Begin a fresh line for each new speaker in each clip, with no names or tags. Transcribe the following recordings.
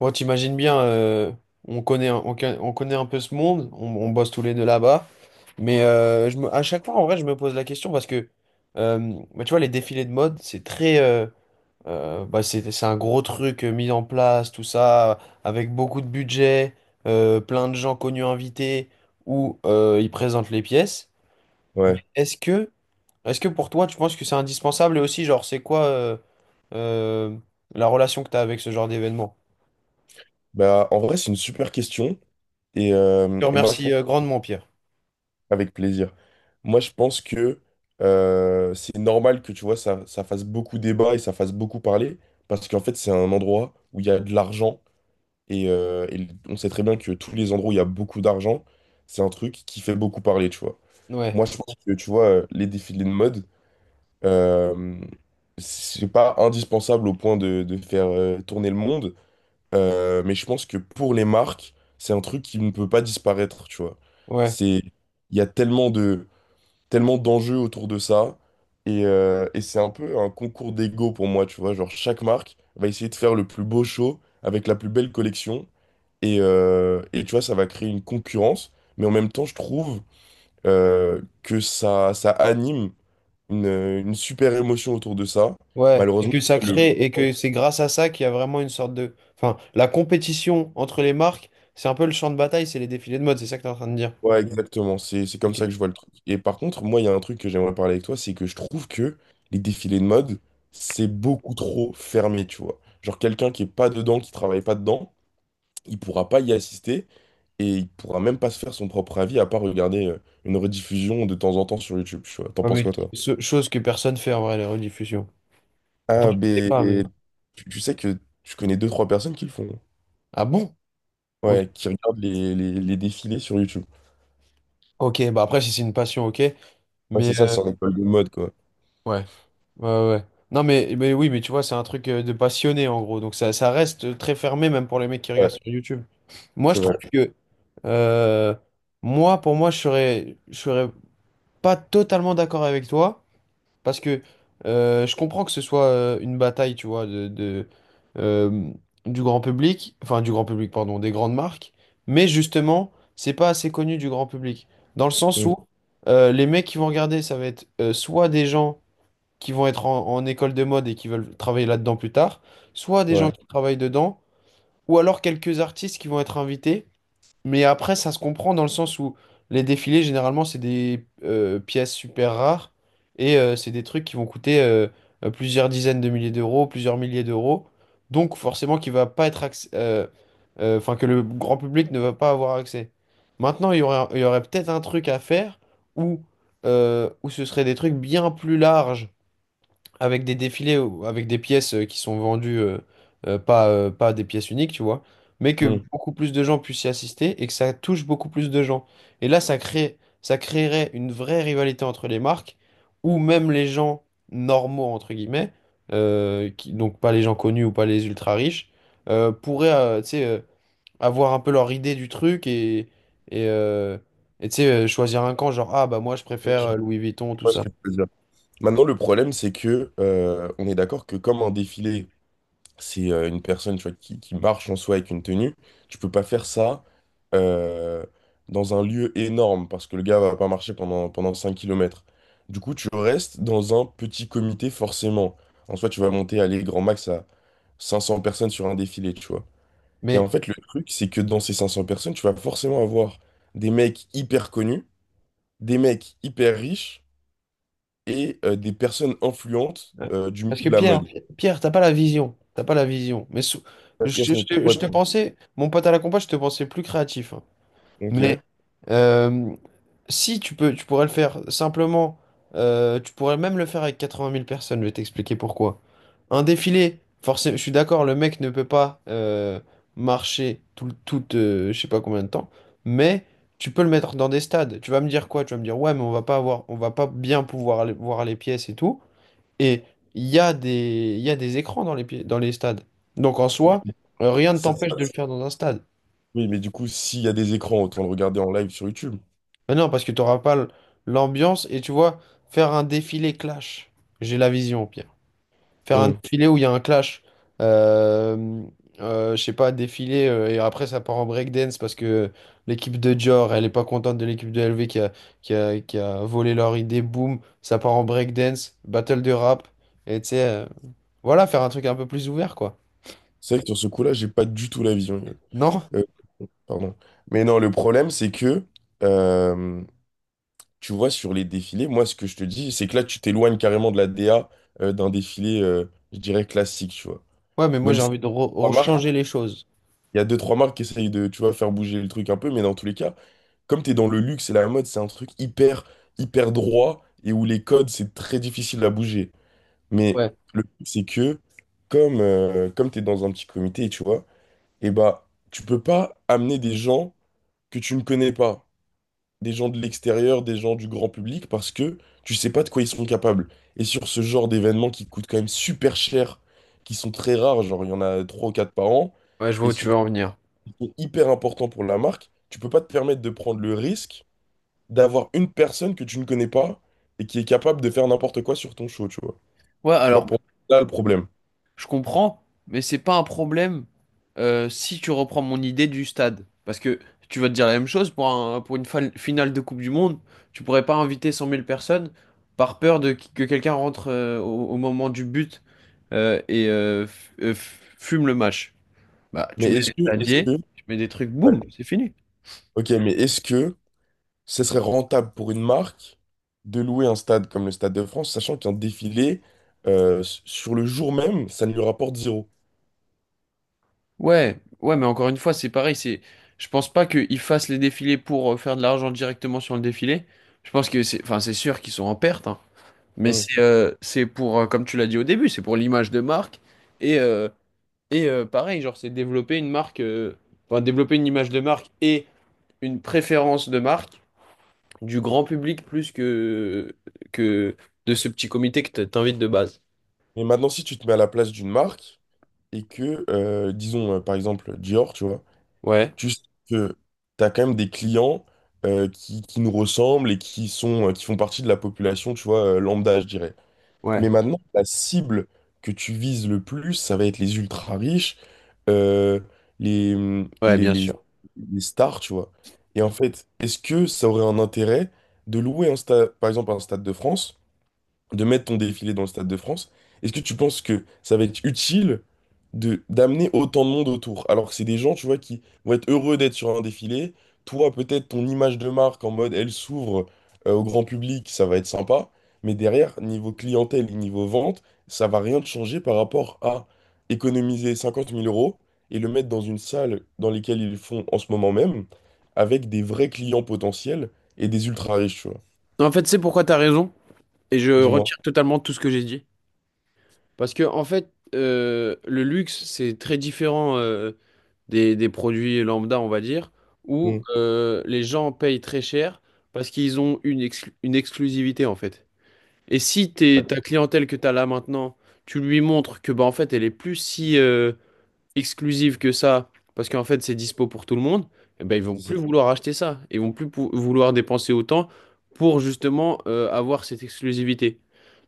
Bon, t'imagines bien, on connaît, on connaît un peu ce monde, on bosse tous les deux là-bas, mais à chaque fois, en vrai, je me pose la question parce que, euh, tu vois, les défilés de mode, c'est très, bah, c'est un gros truc mis en place, tout ça, avec beaucoup de budget, plein de gens connus invités, où ils présentent les pièces. Mais
Ouais,
est-ce que pour toi, tu penses que c'est indispensable et aussi, genre, c'est quoi euh, la relation que tu as avec ce genre d'événement?
bah en vrai c'est une super question et,
Je
euh,
te
et moi je
remercie
pense
grandement, Pierre.
avec plaisir. Moi je pense que c'est normal que tu vois ça, ça fasse beaucoup débat et ça fasse beaucoup parler parce qu'en fait c'est un endroit où il y a de l'argent et on sait très bien que tous les endroits où il y a beaucoup d'argent c'est un truc qui fait beaucoup parler tu vois.
Ouais,
Moi je pense que tu vois les défilés de mode euh, c'est pas indispensable au point de faire tourner le monde. Mais je pense que pour les marques, c'est un truc qui ne peut pas disparaître, tu vois.
ouais,
C'est, il y a tellement d'enjeux autour de ça, et c'est un peu un concours d'ego pour moi, tu vois. Genre chaque marque va essayer de faire le plus beau show avec la plus belle collection, et tu vois, ça va créer une concurrence, mais en même temps, je trouve que ça anime une super émotion autour de ça.
ouais. Et
Malheureusement.
que ça
Le
crée, et que c'est grâce à ça qu'il y a vraiment une sorte de... Enfin, la compétition entre les marques, c'est un peu le champ de bataille, c'est les défilés de mode, c'est ça que t'es en train de dire.
Ouais, exactement. C'est comme
Ok.
ça que je vois le truc. Et par contre, moi, il y a un truc que j'aimerais parler avec toi, c'est que je trouve que les défilés de mode, c'est beaucoup trop fermé, tu vois. Genre, quelqu'un qui est pas dedans, qui travaille pas dedans, il pourra pas y assister et il pourra même pas se faire son propre avis à part regarder une rediffusion de temps en temps sur YouTube, tu vois. T'en
Ouais,
penses
mais
quoi, toi?
chose que personne fait en vrai, les rediffusions. Enfin,
Ah,
je sais
ben,
pas, mais...
tu sais que je connais deux, trois personnes qui le font, hein.
Ah bon? Ok.
Ouais, qui regardent les défilés sur YouTube.
Ok, bah après, si c'est une passion, ok.
Ouais,
Mais...
c'est ça, c'est en école de mode, quoi.
ouais. Ouais, ouais, ouais. Non, mais oui, mais tu vois, c'est un truc de passionné, en gros. Donc ça reste très fermé, même pour les mecs qui regardent
Ouais,
sur YouTube. Moi,
c'est
je trouve
vrai.
que... Euh, moi, pour moi, je serais pas totalement d'accord avec toi, parce que je comprends que ce soit une bataille, tu vois, euh, du grand public, enfin du grand public, pardon, des grandes marques, mais justement, c'est pas assez connu du grand public, dans le sens
Mm.
où les mecs qui vont regarder, ça va être soit des gens qui vont être en école de mode et qui veulent travailler là-dedans plus tard, soit des gens
Ouais.
qui travaillent dedans, ou alors quelques artistes qui vont être invités. Mais après, ça se comprend dans le sens où les défilés, généralement, c'est des pièces super rares et c'est des trucs qui vont coûter plusieurs dizaines de milliers d'euros, plusieurs milliers d'euros. Donc, forcément, qui va pas être acc- enfin, que le grand public ne va pas avoir accès. Maintenant, il y aurait peut-être un truc à faire où, où ce serait des trucs bien plus larges avec des défilés, ou avec des pièces qui sont vendues, pas des pièces uniques, tu vois, mais que beaucoup plus de gens puissent y assister et que ça touche beaucoup plus de gens. Et là, ça créerait une vraie rivalité entre les marques, où même les gens normaux, entre guillemets, donc pas les gens connus ou pas les ultra riches, pourraient, tu sais, avoir un peu leur idée du truc et, euh, et, tu sais, choisir un camp, genre, ah bah moi je
Mm.
préfère Louis Vuitton, tout
Vois ce
ça.
que tu veux dire. Maintenant, le problème, c'est que on est d'accord que comme un défilé, c'est une personne tu vois, qui marche en soi avec une tenue, tu peux pas faire ça euh, dans un lieu énorme parce que le gars va pas marcher pendant 5 km. Du coup, tu restes dans un petit comité forcément. En soi, tu vas monter, aller grand max à 500 personnes sur un défilé, tu vois. Et
Mais
en fait, le truc, c'est que dans ces 500 personnes, tu vas forcément avoir des mecs hyper connus, des mecs hyper riches et des personnes influentes
ouais.
du
Parce
milieu
que
de la mode.
Pierre, t'as pas la vision. T'as pas la vision.
Yes, mon petit
Je
pote.
te pensais, mon pote à la compa, je te pensais plus créatif, hein.
Ok.
Mais euh, si tu peux, tu pourrais le faire simplement. Tu pourrais même le faire avec 80 000 personnes. Je vais t'expliquer pourquoi. Un défilé, forcément, je suis d'accord, le mec ne peut pas marcher tout je sais pas combien de temps. Mais tu peux le mettre dans des stades. Tu vas me dire quoi? Tu vas me dire, ouais, mais on va pas bien pouvoir aller voir les pièces et tout. Et il y a des écrans dans dans les stades. Donc en
Oui,
soi, rien ne
ça, c'est-
t'empêche de le faire dans un stade.
oui, mais du coup, s'il y a des écrans, autant le regarder en live sur YouTube.
Mais non, parce que tu n'auras pas l'ambiance et tu vois, faire un défilé clash. J'ai la vision au pire. Faire un
Hmm.
défilé où il y a un clash. Euh, je sais pas, défilé et après ça part en breakdance parce que l'équipe de Dior, elle est pas contente de l'équipe de LV qui a volé leur idée. Boum, ça part en breakdance, battle de rap. Et tu sais, voilà, faire un truc un peu plus ouvert quoi.
C'est vrai que sur ce coup-là, j'ai pas du tout la vision.
Non?
Euh, Pardon. Mais non, le problème, c'est que, euh, tu vois, sur les défilés, moi, ce que je te dis, c'est que là, tu t'éloignes carrément de la DA d'un défilé, je dirais, classique, tu vois.
Ouais, mais moi
Même
j'ai
si
envie de
trois marques,
changer les choses.
il y a deux, trois marques qui essayent de, tu vois, faire bouger le truc un peu, mais dans tous les cas, comme t'es dans le luxe et la mode, c'est un truc hyper, hyper droit et où les codes, c'est très difficile à bouger. Mais
Ouais,
le truc, c'est que comme t'es dans un petit comité, tu vois, et bah, tu peux pas amener des gens que tu ne connais pas, des gens de l'extérieur, des gens du grand public, parce que tu sais pas de quoi ils sont capables. Et sur ce genre d'événements qui coûtent quand même super cher, qui sont très rares, genre il y en a trois ou quatre par an,
ouais, je vois
et
où tu veux
surtout
en venir.
qui sont hyper importants pour la marque, tu peux pas te permettre de prendre le risque d'avoir une personne que tu ne connais pas et qui est capable de faire n'importe quoi sur ton show, tu vois.
Ouais,
Moi,
alors,
pour moi, là, le problème.
je comprends, mais c'est pas un problème si tu reprends mon idée du stade. Parce que tu vas te dire la même chose pour finale de Coupe du Monde, tu pourrais pas inviter cent mille personnes par peur de que quelqu'un rentre au, au moment du but fume le match. Bah, tu
Mais
mets des
est-ce
stadiers,
que,
tu mets des trucs, boum,
ouais.
c'est fini.
Ok, mais est-ce que ce serait rentable pour une marque de louer un stade comme le Stade de France, sachant qu'un défilé, sur le jour même, ça ne lui rapporte zéro?
Ouais, ouais, mais encore une fois, c'est pareil, c'est, je pense pas qu'ils fassent les défilés pour faire de l'argent directement sur le défilé. Je pense que c'est, enfin, c'est sûr qu'ils sont en perte, hein. Mais
Hmm.
c'est pour, comme tu l'as dit au début, c'est pour l'image de marque et, euh, pareil, genre, c'est développer une marque, enfin, développer une image de marque et une préférence de marque du grand public plus que de ce petit comité que t'invites de base.
Mais maintenant, si tu te mets à la place d'une marque et que, disons, par exemple, Dior, tu vois,
Ouais,
juste que tu as quand même des clients qui nous ressemblent et qui font partie de la population, tu vois, lambda, je dirais.
ouais,
Mais maintenant, la cible que tu vises le plus, ça va être les ultra riches, euh, les,
ouais,
les,
bien
les,
sûr.
les stars, tu vois. Et en fait, est-ce que ça aurait un intérêt de louer un stade, par exemple un stade de France? De mettre ton défilé dans le Stade de France, est-ce que tu penses que ça va être utile de d'amener autant de monde autour? Alors que c'est des gens, tu vois, qui vont être heureux d'être sur un défilé. Toi, peut-être ton image de marque en mode elle s'ouvre au grand public, ça va être sympa. Mais derrière, niveau clientèle et niveau vente, ça va rien te changer par rapport à économiser 50 000 € et le mettre dans une salle dans lesquelles ils le font en ce moment même, avec des vrais clients potentiels et des ultra riches, tu vois.
En fait, c'est pourquoi t'as raison et je
Dis-moi.
retire totalement tout ce que j'ai dit. Parce que en fait, le luxe, c'est très différent des produits lambda, on va dire, où
Mm.
les gens payent très cher parce qu'ils ont une, une exclusivité, en fait. Et si t'es,
Ouais,
ta clientèle que tu as là maintenant, tu lui montres que bah, en fait, elle est plus si, exclusive que ça, parce qu'en fait c'est dispo pour tout le monde, eh ben, ils vont
c'est ça.
plus vouloir acheter ça. Ils vont plus pou- vouloir dépenser autant pour justement avoir cette exclusivité.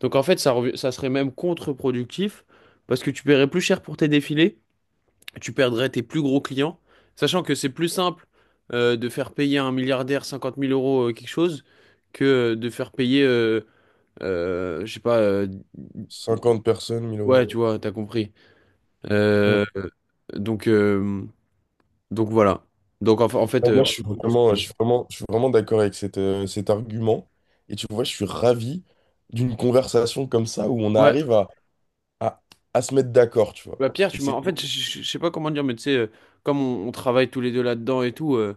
Donc en fait ça serait même contre-productif parce que tu paierais plus cher pour tes défilés, tu perdrais tes plus gros clients, sachant que c'est plus simple de faire payer un milliardaire 50 000 euros quelque chose que de faire payer, je sais pas,
50 personnes, 1000 euros.
ouais tu vois, t'as compris.
Mm.
Euh, donc, euh, donc voilà. En
Ah,
fait,
moi, je suis vraiment, je suis vraiment, je suis vraiment d'accord avec cet argument. Et tu vois, je suis ravi d'une conversation comme ça où on
ouais. Ouais,
arrive à, à se mettre d'accord, tu vois.
bah, Pierre,
Et
tu m'as.
c'est
En
beau.
fait, je sais pas comment dire, mais tu sais, comme on travaille tous les deux là-dedans et tout,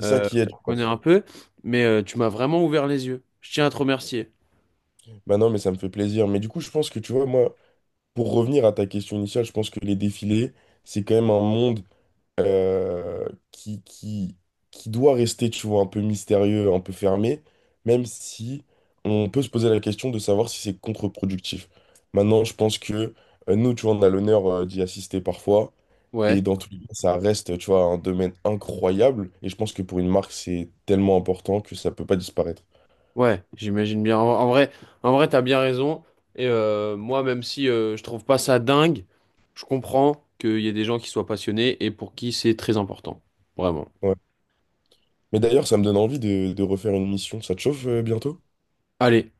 C'est ça qui aide,
on
je
connaît
pense.
un peu, mais tu m'as vraiment ouvert les yeux. Je tiens à te remercier.
Bah non, mais ça me fait plaisir. Mais du coup, je pense que, tu vois, moi, pour revenir à ta question initiale, je pense que les défilés, c'est quand même un monde euh, qui, qui, qui doit rester, tu vois, un peu mystérieux, un peu fermé, même si on peut se poser la question de savoir si c'est contre-productif. Maintenant, je pense que nous, tu vois, on a l'honneur d'y assister parfois, et
Ouais,
dans tous les cas, ça reste, tu vois, un domaine incroyable, et je pense que pour une marque, c'est tellement important que ça peut pas disparaître.
ouais, j'imagine bien. En, en vrai, t'as bien raison. Et moi, même si je trouve pas ça dingue, je comprends qu'il y ait des gens qui soient passionnés et pour qui c'est très important. Vraiment.
Ouais. Mais d'ailleurs, ça me donne envie de, refaire une mission. Ça te chauffe bientôt?
Allez.